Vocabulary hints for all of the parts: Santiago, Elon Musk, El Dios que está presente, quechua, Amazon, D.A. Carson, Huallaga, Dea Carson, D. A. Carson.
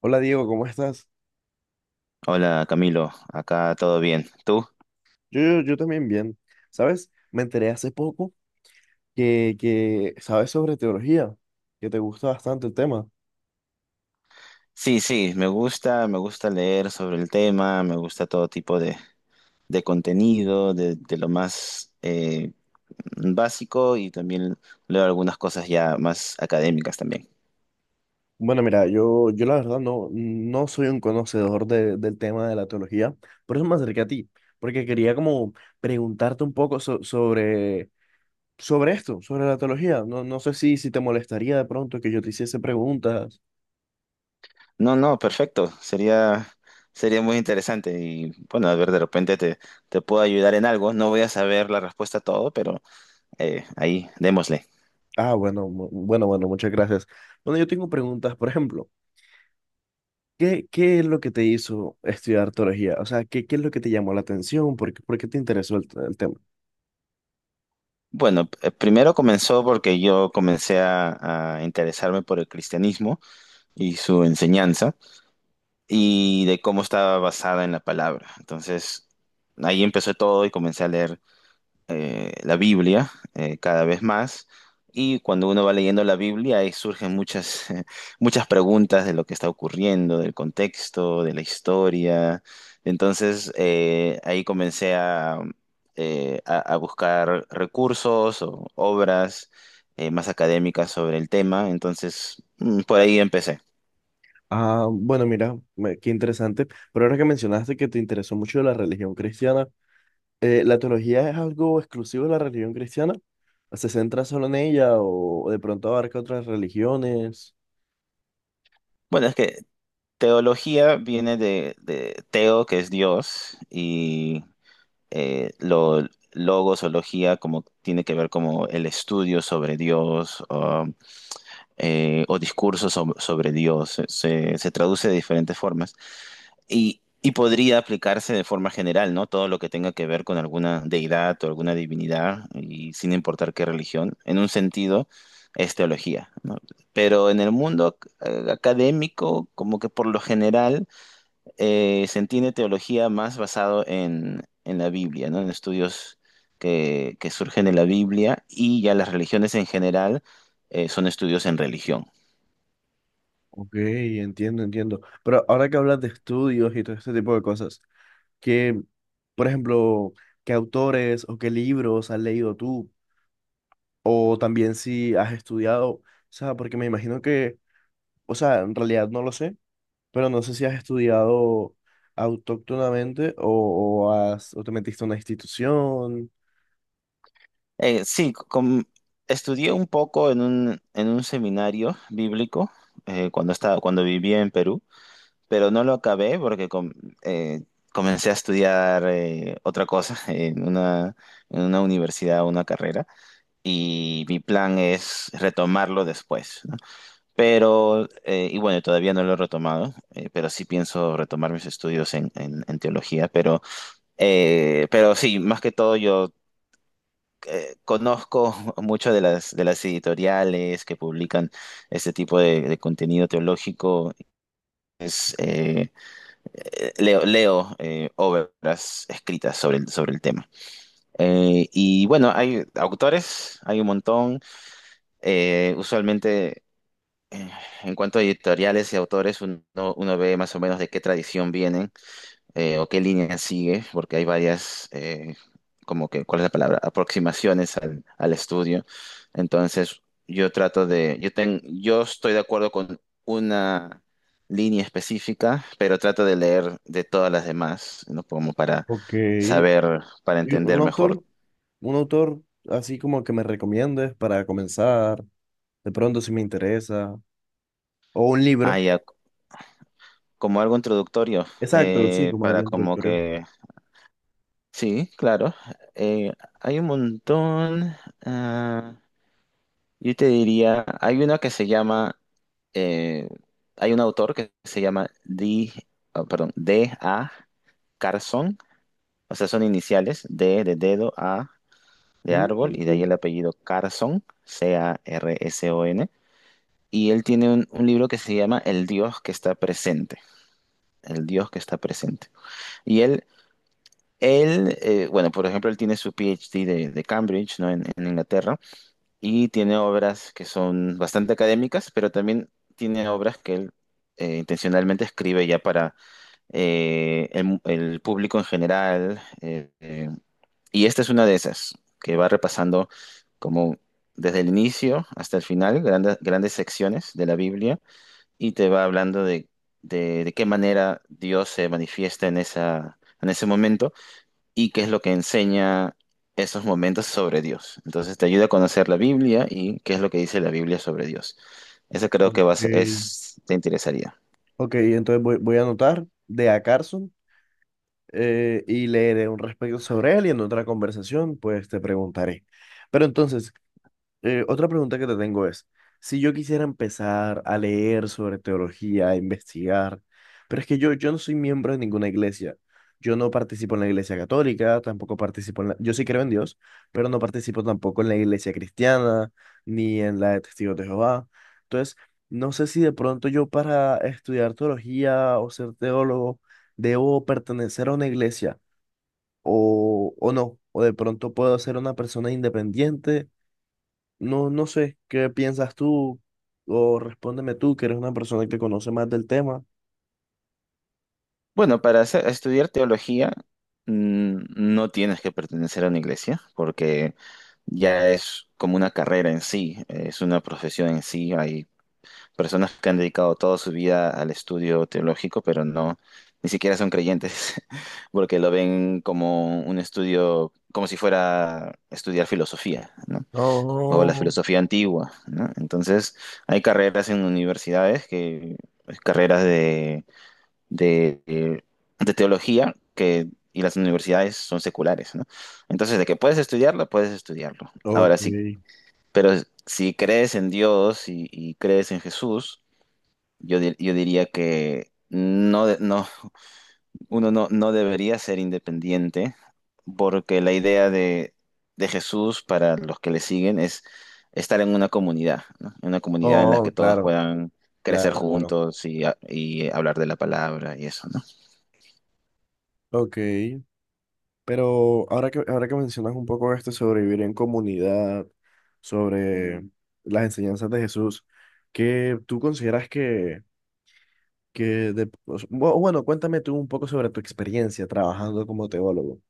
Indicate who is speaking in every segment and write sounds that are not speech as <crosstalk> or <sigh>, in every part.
Speaker 1: Hola Diego, ¿cómo estás?
Speaker 2: Hola Camilo, acá todo bien. ¿Tú?
Speaker 1: Yo también bien. ¿Sabes? Me enteré hace poco que sabes sobre teología, que te gusta bastante el tema.
Speaker 2: Sí, sí, me gusta leer sobre el tema, me gusta todo tipo de contenido, de lo más básico y también leo algunas cosas ya más académicas también.
Speaker 1: Bueno, mira, yo la verdad no soy un conocedor del tema de la teología, por eso me acerqué a ti, porque quería como preguntarte un poco sobre, sobre esto, sobre la teología. No sé si te molestaría de pronto que yo te hiciese preguntas.
Speaker 2: No, no, perfecto, sería muy interesante y bueno, a ver, de repente te puedo ayudar en algo, no voy a saber la respuesta a todo, pero ahí démosle.
Speaker 1: Ah, bueno, bueno, muchas gracias. Bueno, yo tengo preguntas, por ejemplo. ¿Qué es lo que te hizo estudiar teología? O sea, ¿qué es lo que te llamó la atención? ¿Por qué te interesó el tema?
Speaker 2: Bueno, primero comenzó porque yo comencé a interesarme por el cristianismo y su enseñanza y de cómo estaba basada en la palabra. Entonces, ahí empezó todo y comencé a leer la Biblia cada vez más. Y cuando uno va leyendo la Biblia, ahí surgen muchas, <laughs> muchas preguntas de lo que está ocurriendo, del contexto, de la historia. Entonces, ahí a buscar recursos o obras más académicas sobre el tema. Entonces, por ahí empecé.
Speaker 1: Ah, bueno, mira, qué interesante. Pero ahora que mencionaste que te interesó mucho la religión cristiana, ¿la teología es algo exclusivo de la religión cristiana? ¿Se centra solo en ella o de pronto abarca otras religiones?
Speaker 2: Bueno, es que teología viene de teo, que es Dios, y eh, lo, logos o logía, como tiene que ver como el estudio sobre Dios o discursos sobre Dios. Se traduce de diferentes formas y podría aplicarse de forma general, ¿no? Todo lo que tenga que ver con alguna deidad o alguna divinidad y sin importar qué religión, en un sentido es teología, ¿no? Pero en el mundo académico, como que por lo general se entiende teología más basado en la Biblia, ¿no? En estudios que surgen de la Biblia, y ya las religiones en general son estudios en religión.
Speaker 1: Ok, entiendo, entiendo. Pero ahora que hablas de estudios y todo este tipo de cosas, ¿qué, por ejemplo, qué autores o qué libros has leído tú? O también si has estudiado, o sea, porque me imagino que, o sea, en realidad no lo sé, pero no sé si has estudiado autóctonamente o, has, o te metiste a una institución.
Speaker 2: Sí, estudié un poco en un seminario bíblico cuando estaba, cuando vivía en Perú, pero no lo acabé porque eh, comencé a estudiar otra cosa <laughs> en una universidad, una carrera, y mi plan es retomarlo después, ¿no? Pero, y bueno, todavía no lo he retomado, pero sí pienso retomar mis estudios en, en teología, pero sí, más que todo yo conozco <laughs> mucho de las editoriales que publican este tipo de contenido teológico. Es, eh, leo leo obras escritas sobre el tema. Y bueno, hay autores, hay un montón. Usualmente... eh, en cuanto a editoriales y autores, uno ve más o menos de qué tradición vienen, o qué línea sigue, porque hay varias, como que, ¿cuál es la palabra? Aproximaciones al, al estudio. Entonces, yo trato de, yo estoy de acuerdo con una línea específica, pero trato de leer de todas las demás, ¿no? Como para
Speaker 1: Ok.
Speaker 2: saber, para
Speaker 1: Y un
Speaker 2: entender mejor.
Speaker 1: autor, un autor así como que me recomiendes para comenzar, de pronto si me interesa, o un
Speaker 2: Ah,
Speaker 1: libro.
Speaker 2: ya, como algo introductorio,
Speaker 1: Exacto, sí, como algo
Speaker 2: para como
Speaker 1: introductorio.
Speaker 2: que sí, claro. Eh, hay un montón. Ah, yo te diría, hay una que se llama, eh, hay un autor que se llama D, ah, perdón, D A. Carson. O sea, son iniciales, D de dedo, A de árbol y de ahí
Speaker 1: Mm,
Speaker 2: el apellido Carson, Carson. Y él tiene un libro que se llama El Dios que está presente. El Dios que está presente. Y él Él, bueno, por ejemplo, él tiene su PhD de Cambridge, ¿no? En Inglaterra, y tiene obras que son bastante académicas, pero también tiene obras que él intencionalmente escribe ya para el público en general. Y esta es una de esas, que va repasando como desde el inicio hasta el final, grandes, grandes secciones de la Biblia, y te va hablando de qué manera Dios se manifiesta en esa, en ese momento y qué es lo que enseña esos momentos sobre Dios. Entonces te ayuda a conocer la Biblia y qué es lo que dice la Biblia sobre Dios. Eso creo
Speaker 1: ok.
Speaker 2: que es, te interesaría.
Speaker 1: Ok, entonces voy a anotar de A. Carson. Y leeré un respecto sobre él y en otra conversación pues te preguntaré. Pero entonces, otra pregunta que te tengo es, si yo quisiera empezar a leer sobre teología, a investigar, pero es que yo no soy miembro de ninguna iglesia, yo no participo en la iglesia católica, tampoco participo en la, yo sí creo en Dios, pero no participo tampoco en la iglesia cristiana, ni en la de Testigos de Jehová. Entonces, no sé si de pronto yo para estudiar teología o ser teólogo debo pertenecer a una iglesia o no, o de pronto puedo ser una persona independiente no sé, ¿qué piensas tú? O respóndeme tú, que eres una persona que conoce más del tema.
Speaker 2: Bueno, para estudiar teología, no tienes que pertenecer a una iglesia porque ya es como una carrera en sí, es una profesión en sí. Personas que han dedicado toda su vida al estudio teológico, pero no, ni siquiera son creyentes, <laughs> porque lo ven como un estudio, como si fuera estudiar filosofía, ¿no? O la
Speaker 1: Oh,
Speaker 2: filosofía antigua, ¿no? Entonces, hay carreras en universidades que, pues, carreras de, de- de teología que... Y las universidades son seculares, ¿no? Entonces, de que puedes estudiarlo, puedes estudiarlo. Ahora,
Speaker 1: ok.
Speaker 2: sí, pero si crees en Dios y crees en Jesús, yo diría que no, no, uno no, no debería ser independiente porque la idea de Jesús para los que le siguen es estar en una comunidad, ¿no? En una comunidad en la
Speaker 1: Oh,
Speaker 2: que todos
Speaker 1: claro,
Speaker 2: puedan crecer
Speaker 1: claro, claro.
Speaker 2: juntos y hablar de la palabra y eso, ¿no?
Speaker 1: Ok. Pero ahora que mencionas un poco esto sobre vivir en comunidad, sobre las enseñanzas de Jesús, ¿qué tú consideras que, o sea, bueno, cuéntame tú un poco sobre tu experiencia trabajando como teólogo.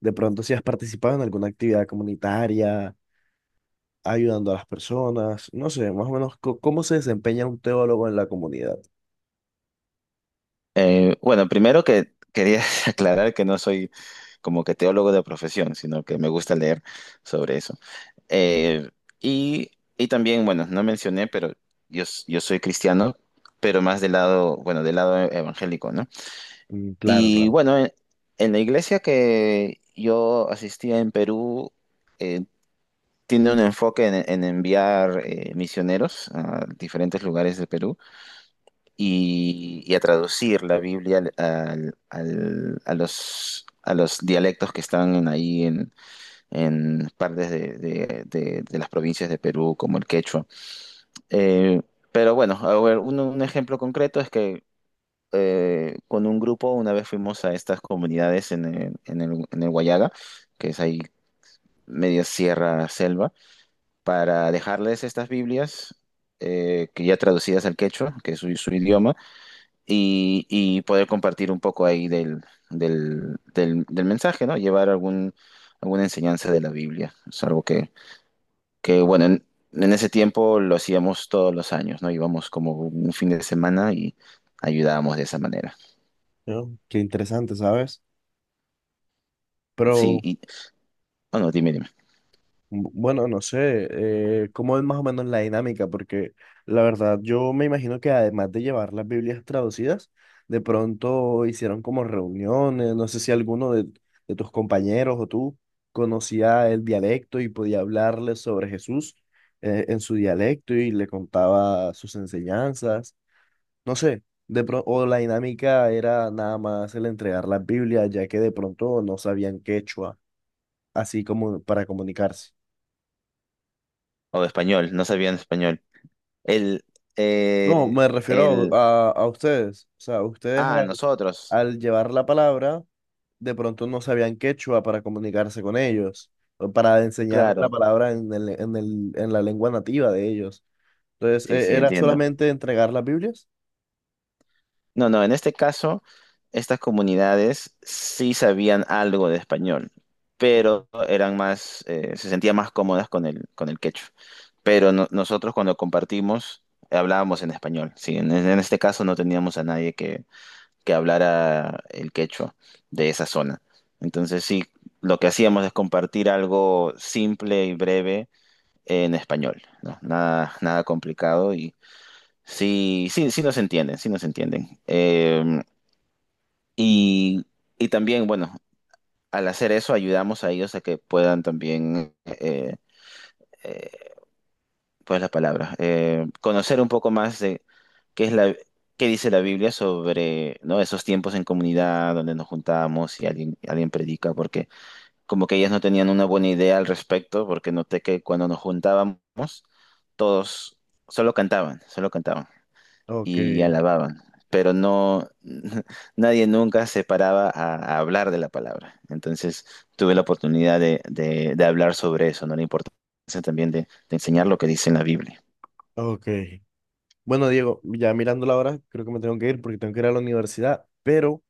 Speaker 1: De pronto, si has participado en alguna actividad comunitaria ayudando a las personas, no sé, más o menos cómo se desempeña un teólogo en la comunidad.
Speaker 2: Bueno, primero que quería <laughs> aclarar que no soy como que teólogo de profesión, sino que me gusta leer sobre eso. Eh, y, y también, bueno, no mencioné, pero yo soy cristiano, pero más del lado, bueno, del lado evangélico, ¿no?
Speaker 1: Mm, claro,
Speaker 2: Y
Speaker 1: claro.
Speaker 2: bueno, en la iglesia que yo asistía en Perú, eh, tiene un enfoque en enviar misioneros a diferentes lugares de Perú y a traducir la Biblia a los dialectos que están ahí en partes de las provincias de Perú, como el quechua. Eh, pero bueno, a ver, un ejemplo concreto es que con un grupo una vez fuimos a estas comunidades en el, en el, en el Huallaga, que es ahí media sierra selva, para dejarles estas Biblias, que ya traducidas al quechua, que es su, su idioma, y poder compartir un poco ahí del mensaje, ¿no? Llevar algún, alguna enseñanza de la Biblia. Es algo que bueno, en ese tiempo lo hacíamos todos los años, ¿no? Íbamos como un fin de semana y ayudábamos de esa manera.
Speaker 1: ¿No? Qué interesante, ¿sabes?
Speaker 2: Sí,
Speaker 1: Pero
Speaker 2: y, bueno, dime, dime.
Speaker 1: bueno, no sé, cómo es más o menos la dinámica, porque la verdad yo me imagino que además de llevar las Biblias traducidas, de pronto hicieron como reuniones, no sé si alguno de tus compañeros o tú conocía el dialecto y podía hablarle sobre Jesús. En su dialecto y le contaba sus enseñanzas. No sé, o la dinámica era nada más el entregar las Biblias, ya que de pronto no sabían quechua, así como para comunicarse.
Speaker 2: O español, no sabían español. El,
Speaker 1: No,
Speaker 2: eh,
Speaker 1: me refiero
Speaker 2: el,
Speaker 1: a, a ustedes. O sea, ustedes al,
Speaker 2: nosotros,
Speaker 1: al llevar la palabra, de pronto no sabían quechua para comunicarse con ellos, o para enseñar la
Speaker 2: claro,
Speaker 1: palabra en en la lengua nativa de ellos. Entonces,
Speaker 2: sí, sí,
Speaker 1: ¿era
Speaker 2: entiendo.
Speaker 1: solamente entregar las Biblias?
Speaker 2: No, no, en este caso, estas comunidades sí sabían algo de español, pero eran más, se sentían más cómodas con el quechua. Pero nosotros cuando compartimos, hablábamos en español, sí. En este caso no teníamos a nadie que, que hablara el quechua de esa zona. Entonces sí, lo que hacíamos es compartir algo simple y breve en español, ¿no? Nada, nada complicado y sí, sí, sí nos entienden, sí nos entienden. Y, y también, bueno, al hacer eso ayudamos a ellos a que puedan también, eh, pues la palabra, conocer un poco más de qué es la, qué dice la Biblia sobre, ¿no? Esos tiempos en comunidad donde nos juntábamos y alguien, alguien predica, porque como que ellas no tenían una buena idea al respecto, porque noté que cuando nos juntábamos, todos solo cantaban
Speaker 1: Ok,
Speaker 2: y alababan, pero no, <laughs> nadie nunca se paraba a hablar de la palabra. Entonces tuve la oportunidad de hablar sobre eso, ¿no? La importancia también de enseñar lo que dice en la Biblia.
Speaker 1: ok. Bueno, Diego, ya mirando la hora, creo que me tengo que ir porque tengo que ir a la universidad, pero...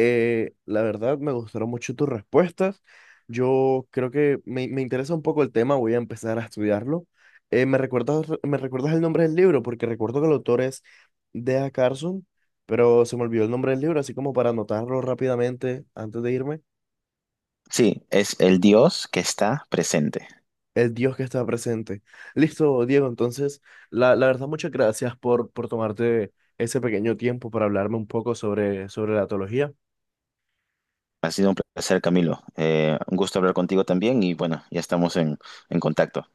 Speaker 1: La verdad, me gustaron mucho tus respuestas. Yo creo que me interesa un poco el tema, voy a empezar a estudiarlo. Me recuerdas el nombre del libro? Porque recuerdo que el autor es Dea Carson, pero se me olvidó el nombre del libro, así como para anotarlo rápidamente antes de irme.
Speaker 2: Sí, es El Dios que está presente.
Speaker 1: El Dios que está presente. Listo, Diego, entonces, la verdad, muchas gracias por tomarte ese pequeño tiempo para hablarme un poco sobre, sobre la teología.
Speaker 2: Ha sido un placer, Camilo. Un gusto hablar contigo también y bueno, ya estamos en contacto.